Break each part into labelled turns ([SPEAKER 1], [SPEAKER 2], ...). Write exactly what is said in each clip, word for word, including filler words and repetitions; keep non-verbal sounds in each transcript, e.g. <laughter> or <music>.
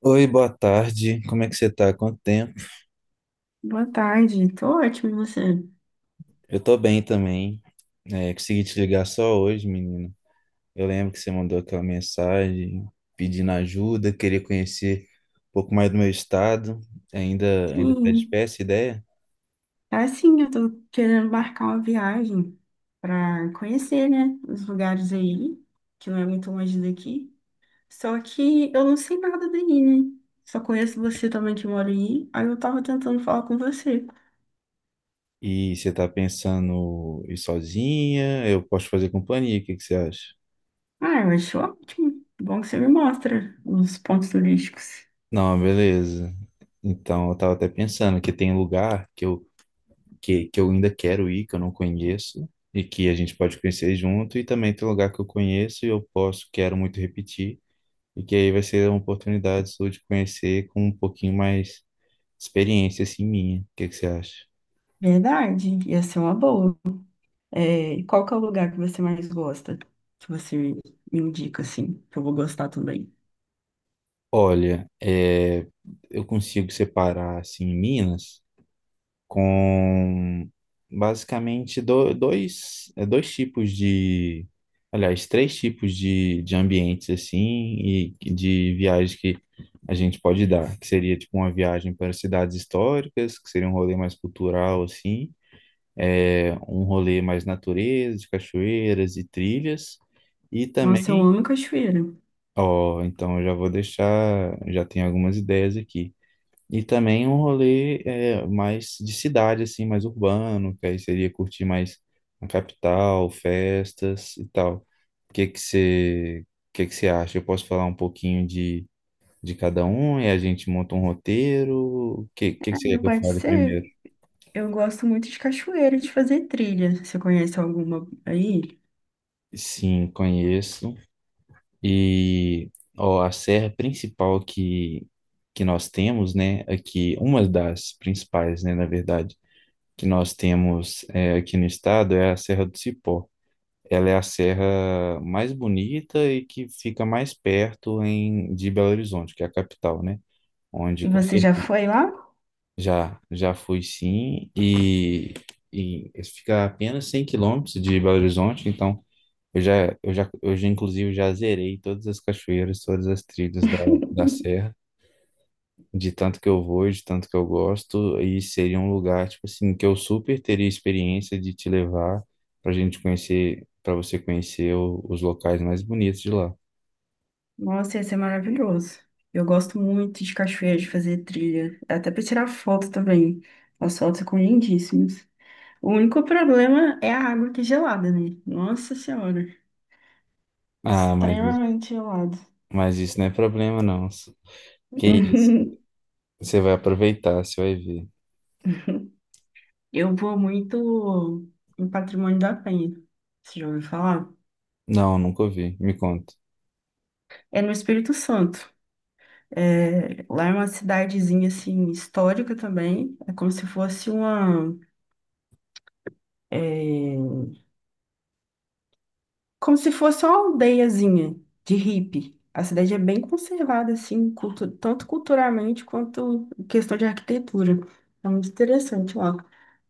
[SPEAKER 1] Oi, boa tarde. Como é que você tá? Quanto tempo?
[SPEAKER 2] Boa tarde, tô ótimo, e você?
[SPEAKER 1] Eu tô bem também. É, consegui te ligar só hoje, menino. Eu lembro que você mandou aquela mensagem pedindo ajuda, queria conhecer um pouco mais do meu estado. Ainda, ainda tá de
[SPEAKER 2] Sim,
[SPEAKER 1] pé essa ideia?
[SPEAKER 2] assim, eu tô querendo marcar uma viagem pra conhecer, né, os lugares aí, que não é muito longe daqui. Só que eu não sei nada daí, né? Só conheço você também que mora aí, aí eu tava tentando falar com você.
[SPEAKER 1] E você tá pensando em ir sozinha? Eu posso fazer companhia, o que que você acha?
[SPEAKER 2] Ah, eu acho ótimo. Bom que você me mostra os pontos turísticos.
[SPEAKER 1] Não, beleza. Então, eu tava até pensando que tem lugar que eu que, que eu ainda quero ir, que eu não conheço, e que a gente pode conhecer junto, e também tem lugar que eu conheço e eu posso, quero muito repetir, e que aí vai ser uma oportunidade sua de conhecer com um pouquinho mais experiência, assim, minha. O que que você acha?
[SPEAKER 2] Verdade, ia ser uma boa. É, qual que é o lugar que você mais gosta? Que você me indica, assim, que eu vou gostar também.
[SPEAKER 1] Olha, é, eu consigo separar, assim, Minas, com basicamente do- dois, é, dois tipos de, aliás, três tipos de, de ambientes assim e de viagens que a gente pode dar, que seria tipo uma viagem para cidades históricas, que seria um rolê mais cultural assim, é, um rolê mais natureza, de cachoeiras e trilhas, e
[SPEAKER 2] Nossa, eu
[SPEAKER 1] também,
[SPEAKER 2] amo cachoeira.
[SPEAKER 1] ó, então eu já vou deixar, já tenho algumas ideias aqui. E também um rolê é, mais de cidade, assim, mais urbano, que aí seria curtir mais a capital, festas e tal. O que que você, o que que você acha? Eu posso falar um pouquinho de, de cada um e a gente monta um roteiro? O que, que que
[SPEAKER 2] Ah,
[SPEAKER 1] você quer
[SPEAKER 2] é,
[SPEAKER 1] que eu
[SPEAKER 2] pode
[SPEAKER 1] fale
[SPEAKER 2] ser.
[SPEAKER 1] primeiro?
[SPEAKER 2] Eu gosto muito de cachoeira, de fazer trilha. Você conhece alguma aí?
[SPEAKER 1] Sim, conheço. E ó, a serra principal que, que nós temos, né, aqui, uma das principais, né, na verdade, que nós temos é, aqui no estado é a Serra do Cipó. Ela é a serra mais bonita e que fica mais perto em, de Belo Horizonte, que é a capital, né? Onde
[SPEAKER 2] E
[SPEAKER 1] com
[SPEAKER 2] você já
[SPEAKER 1] certeza
[SPEAKER 2] foi lá?
[SPEAKER 1] já, já fui sim, e, e fica a apenas cem quilômetros de Belo Horizonte, então eu já, eu já, eu já inclusive já zerei todas as cachoeiras, todas as trilhas da, da
[SPEAKER 2] <laughs>
[SPEAKER 1] serra de tanto que eu vou, de tanto que eu gosto, e seria um lugar, tipo assim, que eu super teria experiência de te levar pra gente conhecer, pra você conhecer o- os locais mais bonitos de lá.
[SPEAKER 2] Nossa, ia ser maravilhoso. Eu gosto muito de cachoeira, de fazer trilha. Até para tirar foto também. As fotos ficam lindíssimas. O único problema é a água que é gelada, né? Nossa Senhora.
[SPEAKER 1] Ah, mas, isso-
[SPEAKER 2] Extremamente gelado.
[SPEAKER 1] mas isso não é problema, não. Que isso?
[SPEAKER 2] <laughs>
[SPEAKER 1] Você vai aproveitar, você vai ver.
[SPEAKER 2] Eu vou muito em Patrimônio da Penha. Você já ouviu falar?
[SPEAKER 1] Não, nunca ouvi. Me conta.
[SPEAKER 2] É no Espírito Santo. É, lá é uma cidadezinha assim histórica também. É como se fosse uma, é, como se fosse uma aldeiazinha de hippie. A cidade é bem conservada assim, cultu- tanto culturalmente quanto em questão de arquitetura. É muito interessante lá.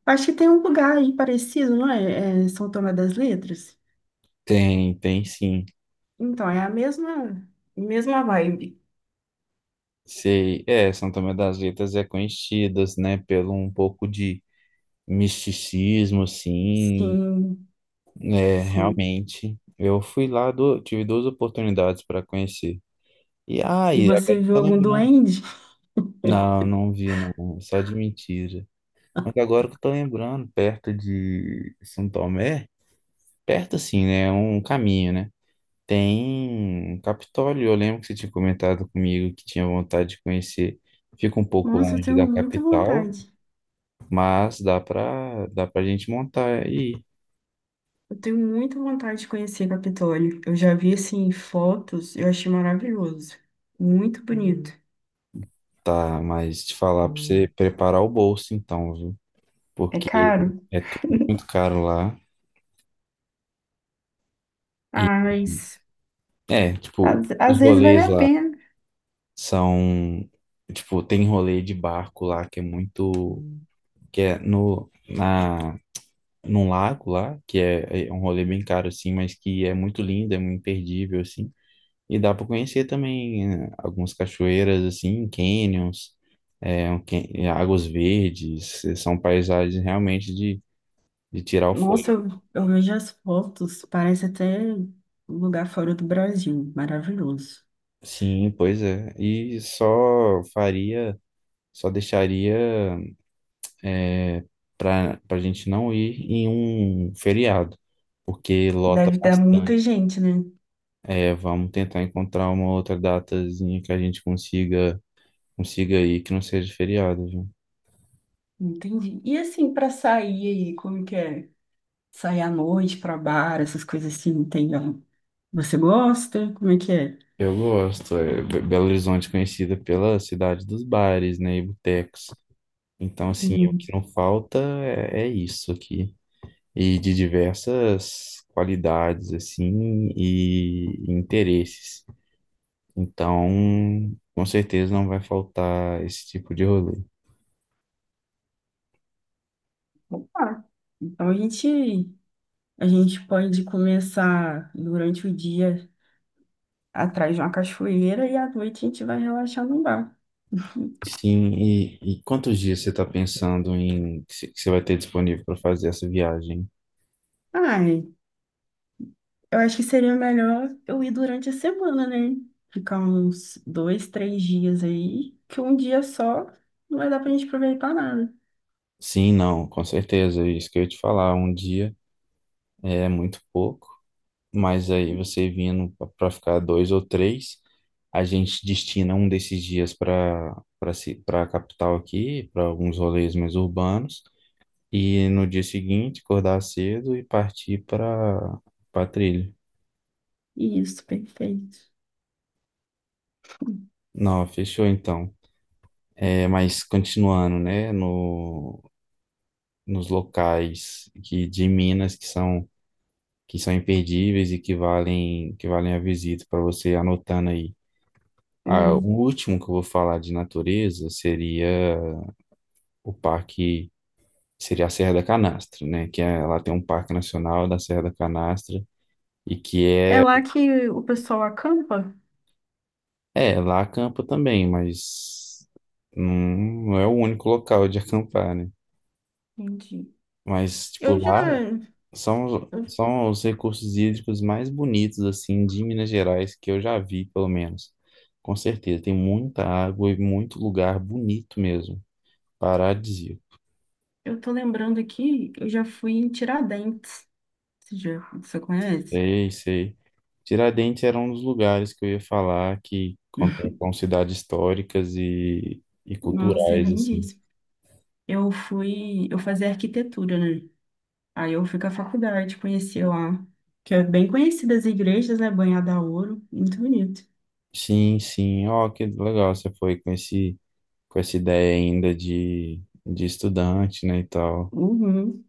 [SPEAKER 2] Acho que tem um lugar aí parecido, não é? É São Tomé das Letras.
[SPEAKER 1] Tem, tem sim.
[SPEAKER 2] Então, é a mesma, mesma vibe.
[SPEAKER 1] Sei. É, São Tomé das Letras é conhecidas, né, pelo um pouco de misticismo, assim.
[SPEAKER 2] Sim,
[SPEAKER 1] É,
[SPEAKER 2] sim.
[SPEAKER 1] realmente. Eu fui lá, do tive duas oportunidades para conhecer. E
[SPEAKER 2] E
[SPEAKER 1] ai, agora que
[SPEAKER 2] você
[SPEAKER 1] eu
[SPEAKER 2] viu
[SPEAKER 1] tô
[SPEAKER 2] algum
[SPEAKER 1] lembrando.
[SPEAKER 2] duende?
[SPEAKER 1] Não, não vi, não. Só de mentira. Mas agora que eu tô lembrando, perto de São Tomé, perto assim, né? É um caminho, né? Tem um Capitólio. Eu lembro que você tinha comentado comigo que tinha vontade de conhecer. Fica um pouco
[SPEAKER 2] Nossa, eu
[SPEAKER 1] longe
[SPEAKER 2] tenho
[SPEAKER 1] da
[SPEAKER 2] muita
[SPEAKER 1] capital,
[SPEAKER 2] vontade.
[SPEAKER 1] mas dá pra, dá pra gente montar e ir.
[SPEAKER 2] Eu tenho muita vontade de conhecer Capitólio. Eu já vi, assim, fotos, eu achei maravilhoso. Muito bonito. Uhum.
[SPEAKER 1] Tá, mas te falar pra você preparar o bolso, então, viu?
[SPEAKER 2] É
[SPEAKER 1] Porque
[SPEAKER 2] caro?
[SPEAKER 1] é tudo muito caro lá. E
[SPEAKER 2] Ah, mas
[SPEAKER 1] é,
[SPEAKER 2] às,
[SPEAKER 1] tipo,
[SPEAKER 2] às
[SPEAKER 1] os
[SPEAKER 2] vezes vale
[SPEAKER 1] rolês
[SPEAKER 2] a
[SPEAKER 1] lá
[SPEAKER 2] pena.
[SPEAKER 1] são, tipo, tem rolê de barco lá que é muito, que é no na num lago lá, que é, é um rolê bem caro assim, mas que é muito lindo, é muito imperdível assim. E dá para conhecer também, né, algumas cachoeiras assim, canyons, é, um can- é, águas verdes, eh, são paisagens realmente de de tirar o fôlego.
[SPEAKER 2] Nossa, eu, eu vejo as fotos, parece até um lugar fora do Brasil. Maravilhoso.
[SPEAKER 1] Sim, pois é. E só faria, só deixaria é, para para a gente não ir em um feriado, porque lota
[SPEAKER 2] Deve dar muita
[SPEAKER 1] bastante.
[SPEAKER 2] gente, né?
[SPEAKER 1] É, vamos tentar encontrar uma outra datazinha que a gente consiga consiga ir que não seja feriado, viu?
[SPEAKER 2] Entendi. E assim, pra sair aí, como que é? Sair à noite pra bar, essas coisas assim, tem. Ó, você gosta? Como é que é?
[SPEAKER 1] Eu gosto. É, Be- Belo Horizonte é conhecida pela cidade dos bares, né, e botecos. Então, assim, o que não falta é, é isso aqui. E de diversas qualidades, assim, e interesses. Então, com certeza não vai faltar esse tipo de rolê.
[SPEAKER 2] Opa! Então a gente, a gente pode começar durante o dia atrás de uma cachoeira e à noite a gente vai relaxar num bar.
[SPEAKER 1] Sim, e, e quantos dias você está pensando em que você que você vai ter disponível para fazer essa viagem?
[SPEAKER 2] Ai, eu acho que seria melhor eu ir durante a semana, né? Ficar uns dois, três dias aí, que um dia só não vai dar pra gente aproveitar nada.
[SPEAKER 1] Sim, não, com certeza. É isso que eu ia te falar, um dia é muito pouco, mas aí você vindo para ficar dois ou três, a gente destina um desses dias para para para a capital aqui, para alguns rolês mais urbanos, e no dia seguinte acordar cedo e partir para para trilha.
[SPEAKER 2] Isso, perfeito.
[SPEAKER 1] Não, fechou então. É, mas continuando, né, no, nos locais que, de Minas que são, que são imperdíveis e que valem, que valem a visita para você anotando aí. Ah, o
[SPEAKER 2] Hum.
[SPEAKER 1] último que eu vou falar de natureza seria o parque, seria a Serra da Canastra, né, que é, lá tem um parque nacional da Serra da Canastra e que
[SPEAKER 2] É
[SPEAKER 1] é,
[SPEAKER 2] lá que o pessoal acampa?
[SPEAKER 1] é, lá acampa também, mas não, não é o único local de acampar, né?
[SPEAKER 2] Entendi.
[SPEAKER 1] Mas, tipo,
[SPEAKER 2] Eu já.
[SPEAKER 1] lá São,
[SPEAKER 2] Eu,
[SPEAKER 1] são os recursos hídricos mais bonitos, assim, de Minas Gerais, que eu já vi, pelo menos. Com certeza, tem muita água e muito lugar bonito mesmo. Paradisíaco.
[SPEAKER 2] eu tô lembrando aqui, eu já fui em Tiradentes. Você já, você conhece?
[SPEAKER 1] Sei, sei. Tiradentes era um dos lugares que eu ia falar que
[SPEAKER 2] <laughs>
[SPEAKER 1] contemplam cidades históricas e, e
[SPEAKER 2] Nossa, é
[SPEAKER 1] culturais, assim.
[SPEAKER 2] lindíssimo. Eu fui, eu fazia arquitetura, né? Aí eu fui com a faculdade, conheci lá, que é bem conhecida as igrejas, né? Banhada a ouro, muito bonito.
[SPEAKER 1] Sim, sim. Ó, que legal, você foi com esse, com essa ideia ainda de, de estudante, né, e tal.
[SPEAKER 2] Uhum.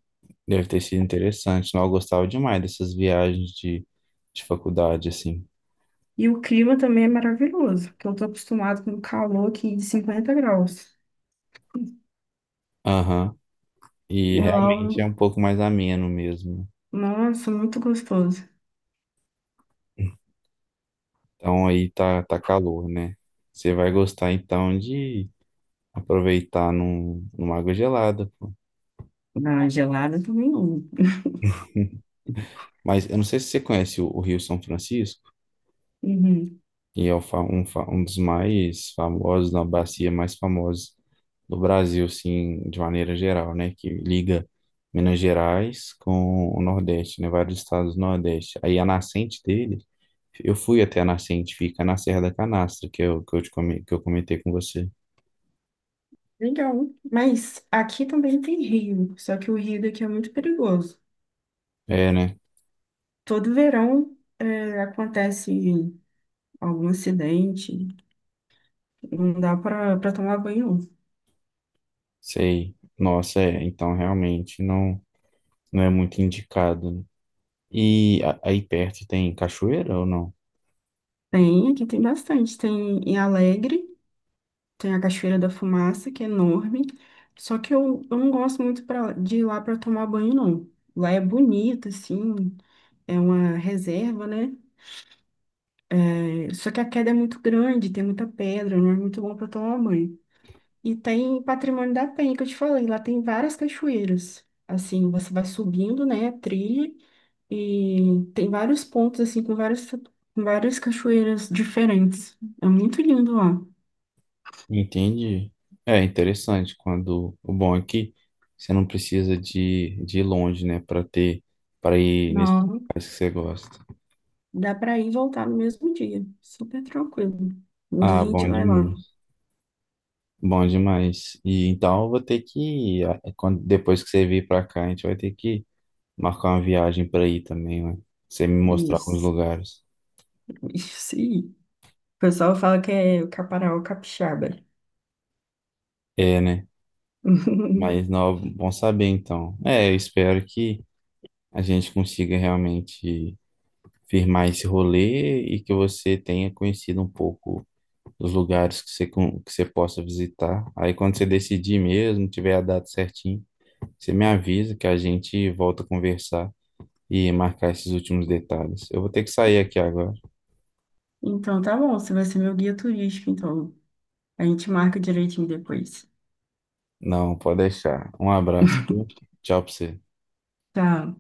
[SPEAKER 1] Deve ter sido interessante. Não, eu gostava demais dessas viagens de, de faculdade, assim.
[SPEAKER 2] E o clima também é maravilhoso, porque eu tô acostumado com calor aqui de cinquenta graus.
[SPEAKER 1] Aham.
[SPEAKER 2] E
[SPEAKER 1] E
[SPEAKER 2] lá,
[SPEAKER 1] realmente é um pouco mais ameno mesmo.
[SPEAKER 2] nossa, muito gostoso.
[SPEAKER 1] Então aí tá, tá calor, né? Você vai gostar então de aproveitar num, numa água gelada, pô.
[SPEAKER 2] Na gelada também não.
[SPEAKER 1] Mas eu não sei se você conhece o, o Rio São Francisco.
[SPEAKER 2] Uhum.
[SPEAKER 1] Que é o fa- um, fa- um dos mais famosos, na bacia mais famosa do Brasil, assim, de maneira geral, né? Que liga Minas Gerais com o Nordeste, né? Vários estados do Nordeste. Aí a nascente dele, eu fui até a nascente, fica na Serra da Canastra, que eu, que eu, te, come- que eu comentei com você.
[SPEAKER 2] Legal. Mas aqui também tem rio, só que o rio daqui é muito perigoso.
[SPEAKER 1] É, né?
[SPEAKER 2] Todo verão é, acontece algum acidente, não dá para para tomar banho, não.
[SPEAKER 1] Sei. Nossa, é. Então, realmente, não, não é muito indicado, né? E a- aí perto tem cachoeira ou não?
[SPEAKER 2] Tem, aqui tem bastante. Tem em Alegre, tem a Cachoeira da Fumaça, que é enorme. Só que eu, eu não gosto muito pra, de ir lá para tomar banho, não. Lá é bonito, assim, é uma reserva, né? É, só que a queda é muito grande, tem muita pedra, não é muito bom para tomar banho. E tem Patrimônio da Penha, que eu te falei, lá tem várias cachoeiras. Assim, você vai subindo, né, a trilha, e tem vários pontos, assim, com várias, com várias cachoeiras diferentes. É muito lindo lá.
[SPEAKER 1] Entendi. É interessante quando o bom é que você não precisa de, de ir longe, né, para ter para ir nesses
[SPEAKER 2] Não,
[SPEAKER 1] locais que você gosta.
[SPEAKER 2] dá pra ir e voltar no mesmo dia. Super tranquilo. Um dia a
[SPEAKER 1] Ah,
[SPEAKER 2] gente
[SPEAKER 1] bom
[SPEAKER 2] vai lá.
[SPEAKER 1] demais. Bom demais. E então eu vou ter que, ah, é quando depois que você vir para cá, a gente vai ter que marcar uma viagem para ir também, né? Você me mostrar alguns
[SPEAKER 2] Isso.
[SPEAKER 1] lugares.
[SPEAKER 2] <laughs> Isso aí. O pessoal fala que é o Caparaó Capixaba.
[SPEAKER 1] É, né?
[SPEAKER 2] <laughs>
[SPEAKER 1] Mas não, bom saber então. É, eu espero que a gente consiga realmente firmar esse rolê e que você tenha conhecido um pouco os lugares que você, con- que você possa visitar. Aí quando você decidir mesmo, tiver a data certinho, você me avisa que a gente volta a conversar e marcar esses últimos detalhes. Eu vou ter que sair aqui agora.
[SPEAKER 2] Então tá bom, você vai ser meu guia turístico, então. A gente marca direitinho depois.
[SPEAKER 1] Não, pode deixar. Um abraço, viu? Tchau pra você.
[SPEAKER 2] Tá.